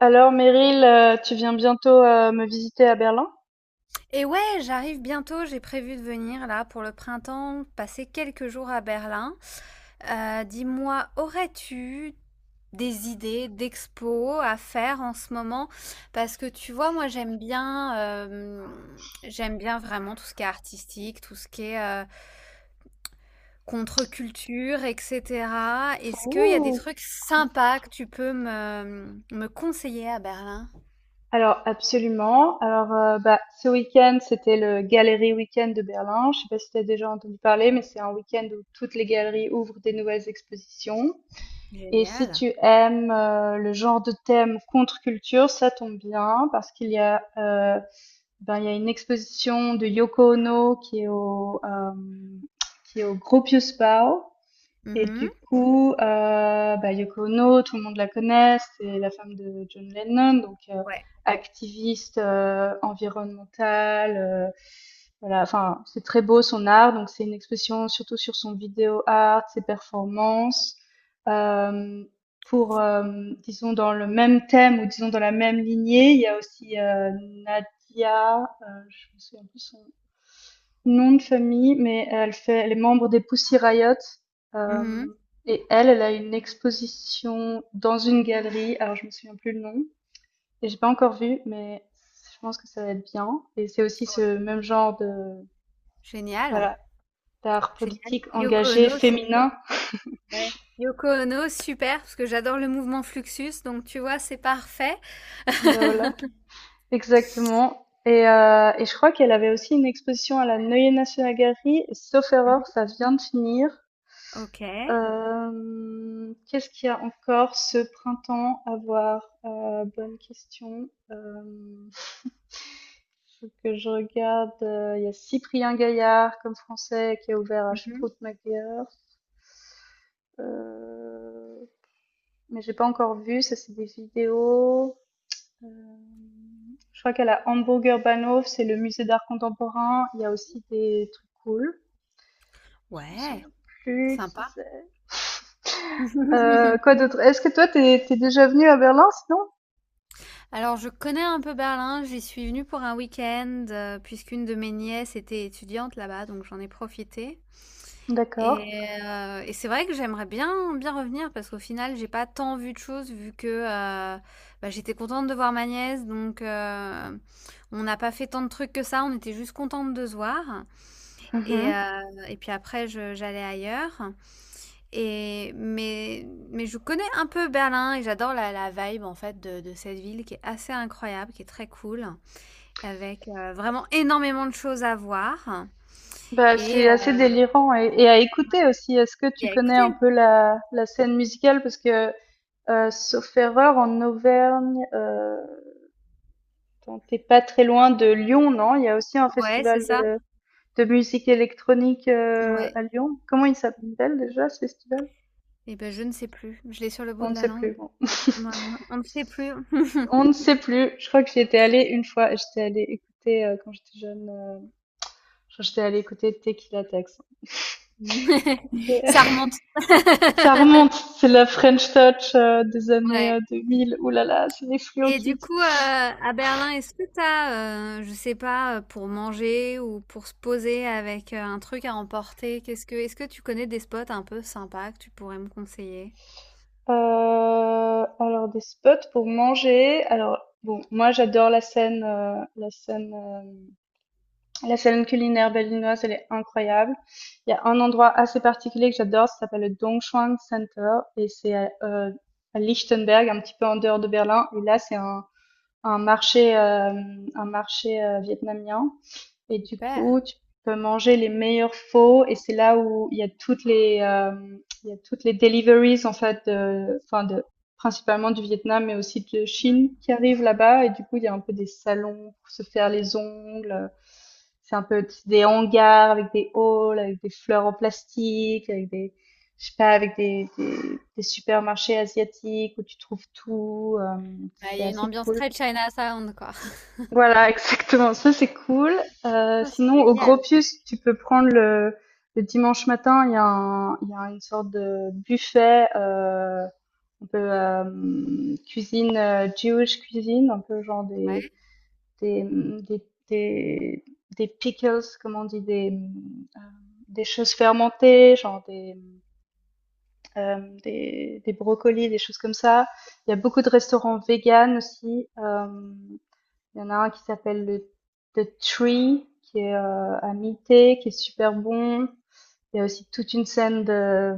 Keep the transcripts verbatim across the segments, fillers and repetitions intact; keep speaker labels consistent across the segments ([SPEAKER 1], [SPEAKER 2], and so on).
[SPEAKER 1] Alors Meryl, euh, tu viens bientôt euh, me visiter à Berlin?
[SPEAKER 2] Et ouais, j'arrive bientôt, j'ai prévu de venir là pour le printemps, passer quelques jours à Berlin. Euh, dis-moi, aurais-tu des idées d'expos à faire en ce moment? Parce que tu vois, moi j'aime bien, euh, j'aime bien vraiment tout ce qui est artistique, tout ce qui est euh, contre-culture, et cetera. Est-ce qu'il y a des
[SPEAKER 1] Ouh.
[SPEAKER 2] trucs sympas que tu peux me, me conseiller à Berlin?
[SPEAKER 1] Alors absolument. Alors euh, bah ce week-end c'était le Galerie Week-end de Berlin. Je sais pas si tu as déjà entendu parler, mais c'est un week-end où toutes les galeries ouvrent des nouvelles expositions. Et si
[SPEAKER 2] Génial.
[SPEAKER 1] tu aimes euh, le genre de thème contre-culture, ça tombe bien parce qu'il y a euh, ben il y a une exposition de Yoko Ono qui est au euh, qui est au Gropius Bau. Et
[SPEAKER 2] Mhm.
[SPEAKER 1] du coup, heu, bah, Yoko Ono, tout le monde la connaît, c'est la femme de John Lennon, donc heu,
[SPEAKER 2] Ouais.
[SPEAKER 1] activiste, heu, environnementale, heu, voilà, enfin, c'est très beau son art, donc c'est une expression surtout sur son vidéo art, ses performances. Hem, pour, hem, disons dans le même thème ou disons dans la même lignée, il y a aussi, heu, Nadia, heu, je me souviens plus son nom de famille, mais elle fait les membres des Pussy Riot,
[SPEAKER 2] Mhm.
[SPEAKER 1] hem, et elle, elle a une exposition dans une galerie, alors je me souviens plus le nom et j'ai pas encore vu, mais je pense que ça va être bien et c'est aussi ce
[SPEAKER 2] Ok.
[SPEAKER 1] même genre de
[SPEAKER 2] Génial.
[SPEAKER 1] voilà, d'art
[SPEAKER 2] Génial.
[SPEAKER 1] politique
[SPEAKER 2] Yoko
[SPEAKER 1] engagé
[SPEAKER 2] Ono, s-
[SPEAKER 1] féminin.
[SPEAKER 2] ouais. Yoko Ono, super, parce que j'adore le mouvement Fluxus, donc tu vois, c'est parfait.
[SPEAKER 1] Bah, voilà, exactement et heu et je crois qu'elle avait aussi une exposition à la Neue Nationalgalerie et sauf
[SPEAKER 2] Mhm.
[SPEAKER 1] erreur, ça vient de finir.
[SPEAKER 2] Ok.
[SPEAKER 1] Hem, qu'est-ce qu'il y a encore ce printemps à voir? Heu, bonne question. Hem, faut que je regarde, heu, il y a Cyprien Gaillard comme français qui a ouvert à
[SPEAKER 2] Mhm.
[SPEAKER 1] Sproutmacher. Heu, mais j'ai pas encore vu, ça c'est des vidéos. Hem, je crois qu'à la Hamburger Bahnhof, c'est le musée d'art contemporain, il y a aussi des trucs cool. Je me
[SPEAKER 2] Ouais,
[SPEAKER 1] souviens plus qui
[SPEAKER 2] sympa.
[SPEAKER 1] c'est. Heu, quoi d'autre? Est-ce que toi t'es es déjà venu à Berlin sinon?
[SPEAKER 2] Alors, je connais un peu Berlin, j'y suis venue pour un week-end, euh, puisqu'une de mes nièces était étudiante là-bas, donc j'en ai profité.
[SPEAKER 1] D'accord.
[SPEAKER 2] Et heu et c'est vrai que j'aimerais bien bien revenir parce qu'au final, j'ai pas tant vu de choses vu que, heu, bah, j'étais contente de voir ma nièce donc heu, on n'a pas fait tant de trucs que ça, on était juste contentes de se voir et
[SPEAKER 1] Mmh.
[SPEAKER 2] heu et puis après je j'allais ailleurs et mais mais je connais un peu Berlin et j'adore la la vibe en fait de de cette ville qui est assez incroyable, qui est très cool avec, heu, vraiment énormément de choses à voir
[SPEAKER 1] Bah,
[SPEAKER 2] et heu
[SPEAKER 1] c'est assez délirant et et à écouter aussi. Est-ce que tu
[SPEAKER 2] et à
[SPEAKER 1] connais un
[SPEAKER 2] écouter.
[SPEAKER 1] peu la la scène musicale? Parce que, heu, sauf erreur, en Auvergne, heu, attends, tu pas très loin de Lyon, non? Il y a aussi un
[SPEAKER 2] Ouais, c'est
[SPEAKER 1] festival
[SPEAKER 2] ça.
[SPEAKER 1] de de musique électronique, heu,
[SPEAKER 2] Ouais.
[SPEAKER 1] à Lyon. Comment il s'appelle déjà ce festival?
[SPEAKER 2] Et ben je ne sais plus, je l'ai sur le bout
[SPEAKER 1] On ne
[SPEAKER 2] de la
[SPEAKER 1] sait plus,
[SPEAKER 2] langue.
[SPEAKER 1] bon.
[SPEAKER 2] Voilà, on ne sait plus.
[SPEAKER 1] On ne sait plus. Je crois que j'y étais allée une fois et j'étais allée écouter, heu, quand j'étais jeune, heu, je crois que j'étais allée écouter Tequila Tex.
[SPEAKER 2] Ça remonte.
[SPEAKER 1] Ça remonte, c'est la French touch, heu, des années,
[SPEAKER 2] Ouais
[SPEAKER 1] heu, deux mille. Ouh là là, c'est les Fluo
[SPEAKER 2] et du
[SPEAKER 1] Kids.
[SPEAKER 2] coup, heu, à Berlin, est-ce que t'as, as, je sais pas, heu, pour manger ou pour se poser avec, heu, un truc à emporter, qu'est-ce que est-ce que tu connais des spots un peu sympas que tu pourrais me conseiller?
[SPEAKER 1] Heu, alors des spots pour manger, alors bon, moi j'adore la scène, heu, la scène, hem, la scène culinaire berlinoise, elle est incroyable. Il y a un endroit assez particulier que j'adore, ça s'appelle le Dongchuan Center et c'est à, heu, à Lichtenberg, un petit peu en dehors de Berlin et là c'est un un marché, hem, un marché, heu, vietnamien. Et du
[SPEAKER 2] Super.
[SPEAKER 1] coup, tu peux manger les meilleurs faux et c'est là où il y a toutes les euh, il y a toutes les deliveries en fait de enfin de principalement du Vietnam mais aussi de Chine
[SPEAKER 2] Mmh.
[SPEAKER 1] qui arrivent là-bas et du coup, il y a un peu des salons pour se faire les ongles. C'est un peu des hangars avec des halls, avec des fleurs en plastique, avec des je sais pas avec des, des, des supermarchés asiatiques où tu trouves tout. euh,
[SPEAKER 2] Bah, il
[SPEAKER 1] c'est
[SPEAKER 2] y a une
[SPEAKER 1] assez
[SPEAKER 2] ambiance
[SPEAKER 1] cool.
[SPEAKER 2] très China Sound quoi.
[SPEAKER 1] Voilà, exactement, ça c'est cool. Heu,
[SPEAKER 2] Ça, c'est
[SPEAKER 1] sinon au
[SPEAKER 2] génial.
[SPEAKER 1] Gropius, tu peux prendre le le dimanche matin, il y a un il y a une sorte de buffet, heu, un peu, hem, cuisine, heu, Jewish cuisine, un peu genre des
[SPEAKER 2] Ouais.
[SPEAKER 1] des, mmh, des des des pickles, comment on dit? Des, mmh, des choses fermentées, genre des, mmh, des des brocolis, des choses comme ça. Il y a beaucoup de restaurants véganes aussi, hem il y en a un qui s'appelle le The Tree, qui est euh, à mi-té, qui est super bon. Il y a aussi toute une scène de,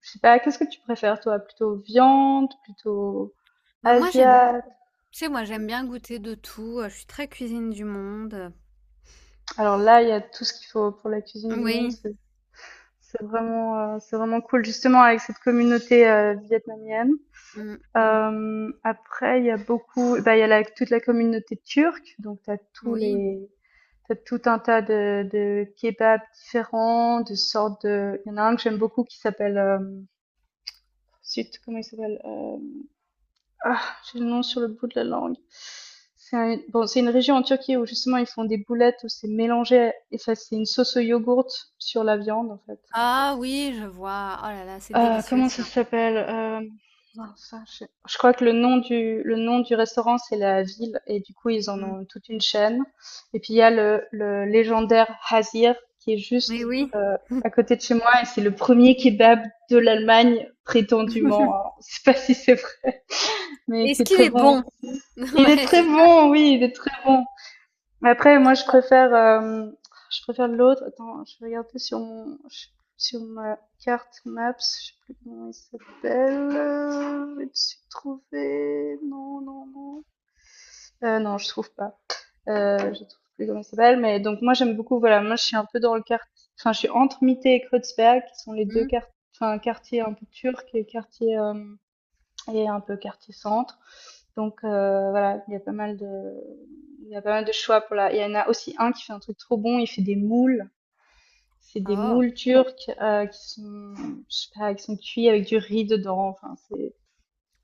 [SPEAKER 1] je sais pas, qu'est-ce que tu préfères toi, plutôt viande, plutôt
[SPEAKER 2] Bah, moi, j'aime
[SPEAKER 1] asiat.
[SPEAKER 2] tu sais, moi, j'aime bien goûter de tout, heu, je suis très cuisine du monde.
[SPEAKER 1] Alors là, il y a tout ce qu'il faut pour la cuisine du monde.
[SPEAKER 2] Oui.
[SPEAKER 1] C'est c'est vraiment, euh, c'est vraiment cool, justement avec cette communauté euh, vietnamienne.
[SPEAKER 2] Mmh.
[SPEAKER 1] Euh, après, il y a beaucoup, bah, il y a la- toute la communauté turque, donc t'as tous
[SPEAKER 2] Oui.
[SPEAKER 1] les, t'as tout un tas de, de kebabs différents, de sortes de. Il y en a un que j'aime beaucoup qui s'appelle. euh, zut, comment il s'appelle? Euh, Ah, j'ai le nom sur le bout de la langue. C'est un- bon, c'est une région en Turquie où justement ils font des boulettes où c'est mélangé et ça c'est une sauce au yogourt sur la viande en fait.
[SPEAKER 2] Ah oui, je vois. Oh là là, c'est
[SPEAKER 1] Heu,
[SPEAKER 2] délicieux
[SPEAKER 1] comment ça
[SPEAKER 2] ça.
[SPEAKER 1] s'appelle? Hem, mince, je je crois que le nom du le nom du restaurant, c'est la ville et du coup, ils en
[SPEAKER 2] Mmh.
[SPEAKER 1] ont toute une chaîne et puis il y a le le légendaire Hasir qui est
[SPEAKER 2] Mais
[SPEAKER 1] juste,
[SPEAKER 2] oui.
[SPEAKER 1] heu, à côté de chez moi et c'est le premier kebab de l'Allemagne prétendument, alors je sais pas si c'est vrai, mais qui
[SPEAKER 2] Est-ce
[SPEAKER 1] est
[SPEAKER 2] qu'il
[SPEAKER 1] très
[SPEAKER 2] est Mmh.
[SPEAKER 1] bon.
[SPEAKER 2] bon?
[SPEAKER 1] Il est
[SPEAKER 2] Ouais,
[SPEAKER 1] très
[SPEAKER 2] c'est ça.
[SPEAKER 1] bon, oui, il est très bon. Mais après, moi, je
[SPEAKER 2] Ça.
[SPEAKER 1] préfère, euh, je préfère l'autre. Attends, je vais regarder sur mon, sur ma carte Maps. Je sais plus comment il s'appelle. Euh, Je vais suis trouvé. Non, non, non. Euh, non, je trouve pas. Euh, je trouve plus comment il s'appelle. Mais donc, moi, j'aime beaucoup. Voilà, moi, je suis un peu dans le quartier. Enfin, je suis entre Mitte et Kreuzberg, qui sont les deux
[SPEAKER 2] Mmh.
[SPEAKER 1] quart- enfin, quartiers un peu turcs et quartiers euh, et un peu quartier centre. Donc euh, voilà, il y a pas mal de, il y a pas mal de choix pour la. Il y en a aussi un qui fait un truc trop bon. Il fait des moules. C'est des
[SPEAKER 2] Oh.
[SPEAKER 1] moules turques euh, qui sont, je sais pas, qui sont cuits avec du riz dedans. Enfin, c'est,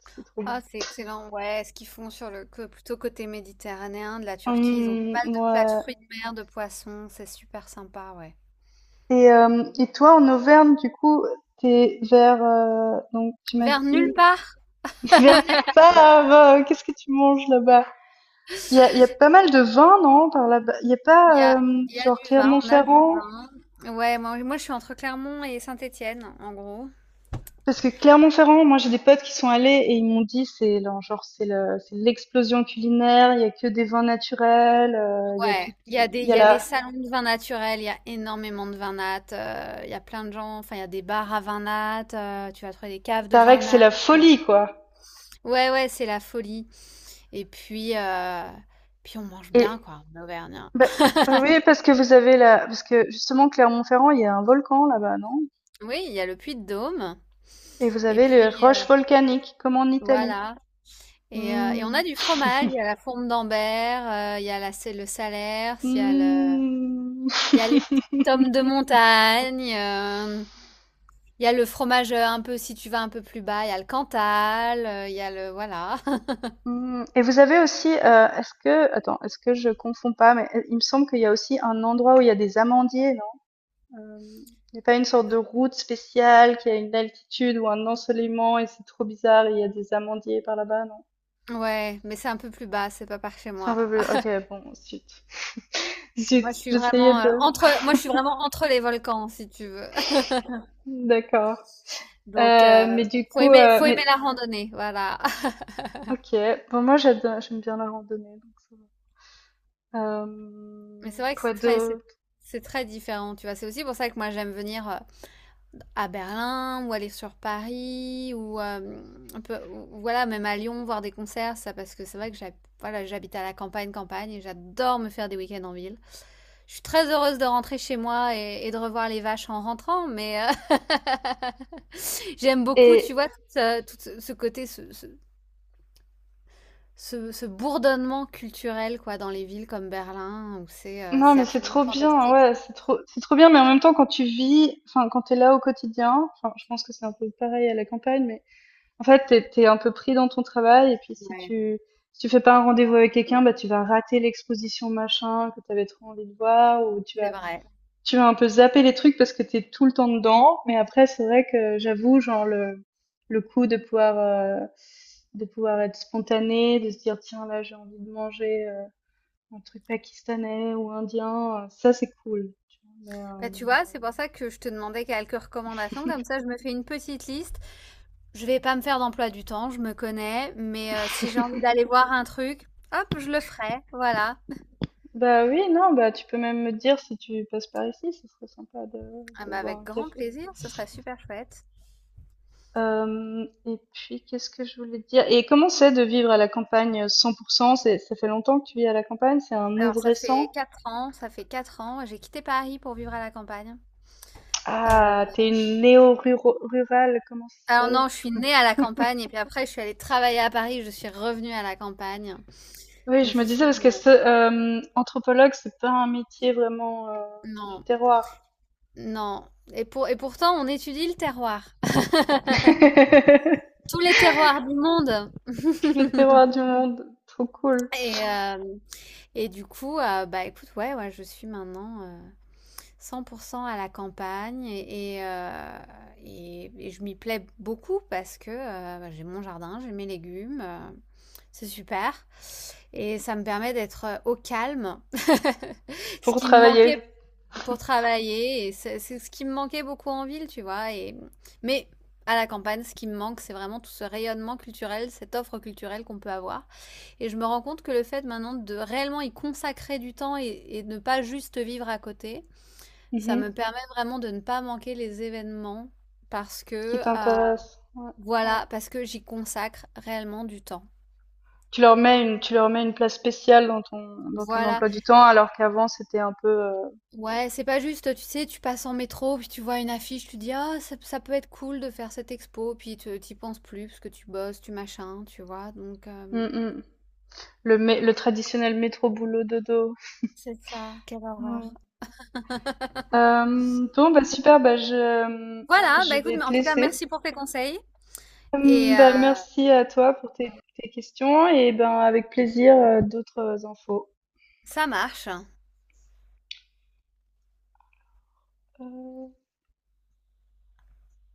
[SPEAKER 1] c'est trop bon.
[SPEAKER 2] Ah, c'est excellent. Ouais, ce qu'ils font sur le co- plutôt côté méditerranéen de la Turquie, ils ont pas
[SPEAKER 1] Hum,
[SPEAKER 2] mal de plats de
[SPEAKER 1] ouais.
[SPEAKER 2] fruits de mer, de poissons, c'est super sympa, ouais.
[SPEAKER 1] Et, euh, et toi, en Auvergne, du coup, t'es vers, euh, donc tu m'as
[SPEAKER 2] Vers nulle
[SPEAKER 1] dit
[SPEAKER 2] part,
[SPEAKER 1] vers nulle part. euh, qu'est-ce que tu manges là-bas? Il y a, il y a pas mal de vins, non, par là-bas. Il y a
[SPEAKER 2] il y a,
[SPEAKER 1] pas euh,
[SPEAKER 2] il y a
[SPEAKER 1] genre
[SPEAKER 2] du vin, on a du
[SPEAKER 1] Clermont-Ferrand.
[SPEAKER 2] vin. Ouais, moi, moi je suis entre Clermont et Saint-Étienne, en gros.
[SPEAKER 1] Parce que Clermont-Ferrand, moi j'ai des potes qui sont allés et ils m'ont dit c'est le- genre c'est le- c'est l'explosion culinaire, il y a que des vins naturels, euh, il y a tout,
[SPEAKER 2] Ouais, il y a des,
[SPEAKER 1] il y
[SPEAKER 2] il
[SPEAKER 1] a
[SPEAKER 2] y a des
[SPEAKER 1] la,
[SPEAKER 2] salons de vin naturel, il y a énormément de vin nat, euh, il y a plein de gens, enfin il y a des bars à vin nat, euh, tu vas trouver des
[SPEAKER 1] il
[SPEAKER 2] caves de
[SPEAKER 1] paraît
[SPEAKER 2] vin
[SPEAKER 1] que c'est
[SPEAKER 2] nat.
[SPEAKER 1] la folie quoi.
[SPEAKER 2] Ouais, ouais, c'est la folie. Et puis, euh, puis on mange bien,
[SPEAKER 1] Et
[SPEAKER 2] quoi, en Auvergne.
[SPEAKER 1] bah, bah oui parce que vous avez la, parce que justement Clermont-Ferrand il y a un volcan là-bas non?
[SPEAKER 2] Oui, il y a le Puy de Dôme.
[SPEAKER 1] Et vous
[SPEAKER 2] Et
[SPEAKER 1] avez les
[SPEAKER 2] puis, euh,
[SPEAKER 1] roches volcaniques comme en Italie.
[SPEAKER 2] voilà. Et, euh, et on a
[SPEAKER 1] Hmm.
[SPEAKER 2] du fromage, il y a la fourme d'Ambert, euh, il y a la, c'est le Salers, il y a le,
[SPEAKER 1] Hmm.
[SPEAKER 2] il y a les petits tomes de montagne. euh, Il y a le fromage, heu, un peu si tu vas un peu plus bas, il y a le Cantal, heu, il y a le voilà.
[SPEAKER 1] Hmm. Et vous avez aussi, euh, est-ce que, attends, est-ce que je confonds pas, mais euh, il me semble qu'il y a aussi un endroit où il y a des amandiers, Hem, il y a pas une sorte de route spéciale qui a une altitude ou un ensoleillement et c'est trop bizarre, et il y a des amandiers par là-bas, non?
[SPEAKER 2] Ouais, mais c'est un peu plus bas, c'est pas par chez
[SPEAKER 1] C'est un
[SPEAKER 2] moi.
[SPEAKER 1] peu plus OK, bon, zut. Zut,
[SPEAKER 2] Moi, je suis
[SPEAKER 1] j'essayais
[SPEAKER 2] vraiment, heu,
[SPEAKER 1] de
[SPEAKER 2] entre moi, je suis vraiment entre les volcans, si tu veux.
[SPEAKER 1] d'accord.
[SPEAKER 2] Donc
[SPEAKER 1] Heu,
[SPEAKER 2] heu,
[SPEAKER 1] mais du
[SPEAKER 2] faut
[SPEAKER 1] coup,
[SPEAKER 2] aimer
[SPEAKER 1] heu,
[SPEAKER 2] faut aimer
[SPEAKER 1] mais
[SPEAKER 2] la randonnée, voilà.
[SPEAKER 1] OK, bon moi j'ado j'aime bien la randonnée donc ça va.
[SPEAKER 2] Mais c'est
[SPEAKER 1] Hem,
[SPEAKER 2] vrai que
[SPEAKER 1] quoi
[SPEAKER 2] c'est très c'est
[SPEAKER 1] d'autre?
[SPEAKER 2] c'est très différent, tu vois? C'est aussi pour ça que moi, j'aime venir, euh, à Berlin ou aller sur Paris ou euh, un peu- voilà même à Lyon voir des concerts ça parce que c'est vrai que j'hab- voilà, j'habite à la campagne campagne et j'adore me faire des week-ends en ville. Je suis très heureuse de rentrer chez moi et, et de revoir les vaches en rentrant mais euh, j'aime beaucoup tu
[SPEAKER 1] Et
[SPEAKER 2] vois tout, ce tout ce- ce côté ce, ce- ce- ce bourdonnement culturel quoi dans les villes comme Berlin où c'est euh,
[SPEAKER 1] non,
[SPEAKER 2] c'est
[SPEAKER 1] mais c'est
[SPEAKER 2] absolument
[SPEAKER 1] trop bien,
[SPEAKER 2] fantastique.
[SPEAKER 1] ouais, c'est trop c'est trop bien, mais en même temps quand tu vis, enfin quand tu es là au quotidien, enfin je pense que c'est un peu pareil à la campagne, mais en fait, t'es es, un peu pris dans ton travail et puis si
[SPEAKER 2] Ouais,
[SPEAKER 1] tu si tu fais pas un rendez-vous avec quelqu'un, bah tu vas rater l'exposition machin que t'avais trop envie de voir ou tu
[SPEAKER 2] c'est
[SPEAKER 1] vas
[SPEAKER 2] vrai.
[SPEAKER 1] tu vas un peu zapper les trucs parce que t'es tout le temps dedans. Mais après, c'est vrai que j'avoue, genre le le coup de pouvoir euh, de pouvoir être spontané, de se dire tiens là j'ai envie de manger euh, un truc pakistanais ou indien, euh, ça c'est cool. tu vois. Mais,
[SPEAKER 2] Bah,
[SPEAKER 1] euh,
[SPEAKER 2] tu vois, c'est pour ça que je te demandais quelques recommandations, comme ça je me fais une petite liste. Je vais pas me faire d'emploi du temps, je me connais, mais euh, si j'ai envie d'aller voir un truc, hop, je le ferai, voilà.
[SPEAKER 1] bah oui, non, bah tu peux même me dire si tu passes par ici, ce serait sympa de,
[SPEAKER 2] Ah
[SPEAKER 1] de
[SPEAKER 2] bah,
[SPEAKER 1] boire
[SPEAKER 2] avec
[SPEAKER 1] un
[SPEAKER 2] grand
[SPEAKER 1] café.
[SPEAKER 2] plaisir, ce serait super chouette.
[SPEAKER 1] Hem et puis qu'est-ce que je voulais te dire? Et comment c'est de vivre à la campagne, heu, cent c'est ça fait longtemps que tu vis à la campagne? C'est un move
[SPEAKER 2] Alors ça fait
[SPEAKER 1] récent?
[SPEAKER 2] quatre ans, ça fait quatre ans, j'ai quitté Paris pour vivre à la campagne. Euh,
[SPEAKER 1] Ah, t'es une néo rurale, comment ça
[SPEAKER 2] alors
[SPEAKER 1] s'appelle?
[SPEAKER 2] non, je suis née à la campagne et puis après je suis allée travailler à Paris, je suis revenue à la campagne.
[SPEAKER 1] Oui,
[SPEAKER 2] Donc
[SPEAKER 1] je
[SPEAKER 2] je
[SPEAKER 1] me disais
[SPEAKER 2] suis
[SPEAKER 1] parce que
[SPEAKER 2] une-
[SPEAKER 1] ce, hem, anthropologue, c'est pas un métier vraiment, heu, du
[SPEAKER 2] Non,
[SPEAKER 1] terroir.
[SPEAKER 2] non. Et pour... et pourtant on étudie le terroir. Tous les terroirs du monde.
[SPEAKER 1] Le terroir du monde, trop cool.
[SPEAKER 2] Et, hem, et du coup, heu, bah, écoute, ouais, ouais, je suis maintenant, heu, cent pour cent à la campagne et et heu et et je m'y plais beaucoup parce que, heu, bah, j'ai mon jardin, j'ai mes légumes, heu, c'est super et ça me permet d'être, heu, au calme, ce
[SPEAKER 1] Pour
[SPEAKER 2] qui me manquait
[SPEAKER 1] travailler.
[SPEAKER 2] pour travailler. Et c'est c'est ce qui me manquait beaucoup en ville, tu vois. Et... Mais à la campagne, ce qui me manque, c'est vraiment tout ce rayonnement culturel, cette offre culturelle qu'on peut avoir. Et je me rends compte que le fait maintenant de réellement y consacrer du temps et, et de ne pas juste vivre à côté, ça me
[SPEAKER 1] Mmh.
[SPEAKER 2] permet vraiment de ne pas manquer les événements parce
[SPEAKER 1] Qui
[SPEAKER 2] que, euh,
[SPEAKER 1] t'intéresse, ouais.
[SPEAKER 2] voilà, parce que j'y consacre réellement du temps.
[SPEAKER 1] Tu leur mets une tu leur mets une place spéciale dans ton dans ton
[SPEAKER 2] Voilà.
[SPEAKER 1] emploi du temps alors qu'avant c'était un peu, heu,
[SPEAKER 2] Ouais, c'est pas juste, tu sais, tu passes en métro, puis tu vois une affiche, tu dis, ah, ça, ça peut être cool de faire cette expo, puis tu t'y penses plus parce que tu bosses, tu machin, tu vois. Donc,
[SPEAKER 1] mmh
[SPEAKER 2] euh,
[SPEAKER 1] mh. Le, mé- le traditionnel métro boulot dodo.
[SPEAKER 2] c'est ça, quelle
[SPEAKER 1] Ouais.
[SPEAKER 2] horreur.
[SPEAKER 1] Euh, bon, bah super, bah je,
[SPEAKER 2] Voilà,
[SPEAKER 1] je
[SPEAKER 2] bah écoute,
[SPEAKER 1] vais
[SPEAKER 2] mais
[SPEAKER 1] te
[SPEAKER 2] en tout cas,
[SPEAKER 1] laisser.
[SPEAKER 2] merci pour tes conseils. Et
[SPEAKER 1] Hum,
[SPEAKER 2] euh,
[SPEAKER 1] Bah, merci à toi pour tes, tes questions et ben avec plaisir euh, d'autres infos.
[SPEAKER 2] ça marche.
[SPEAKER 1] Euh,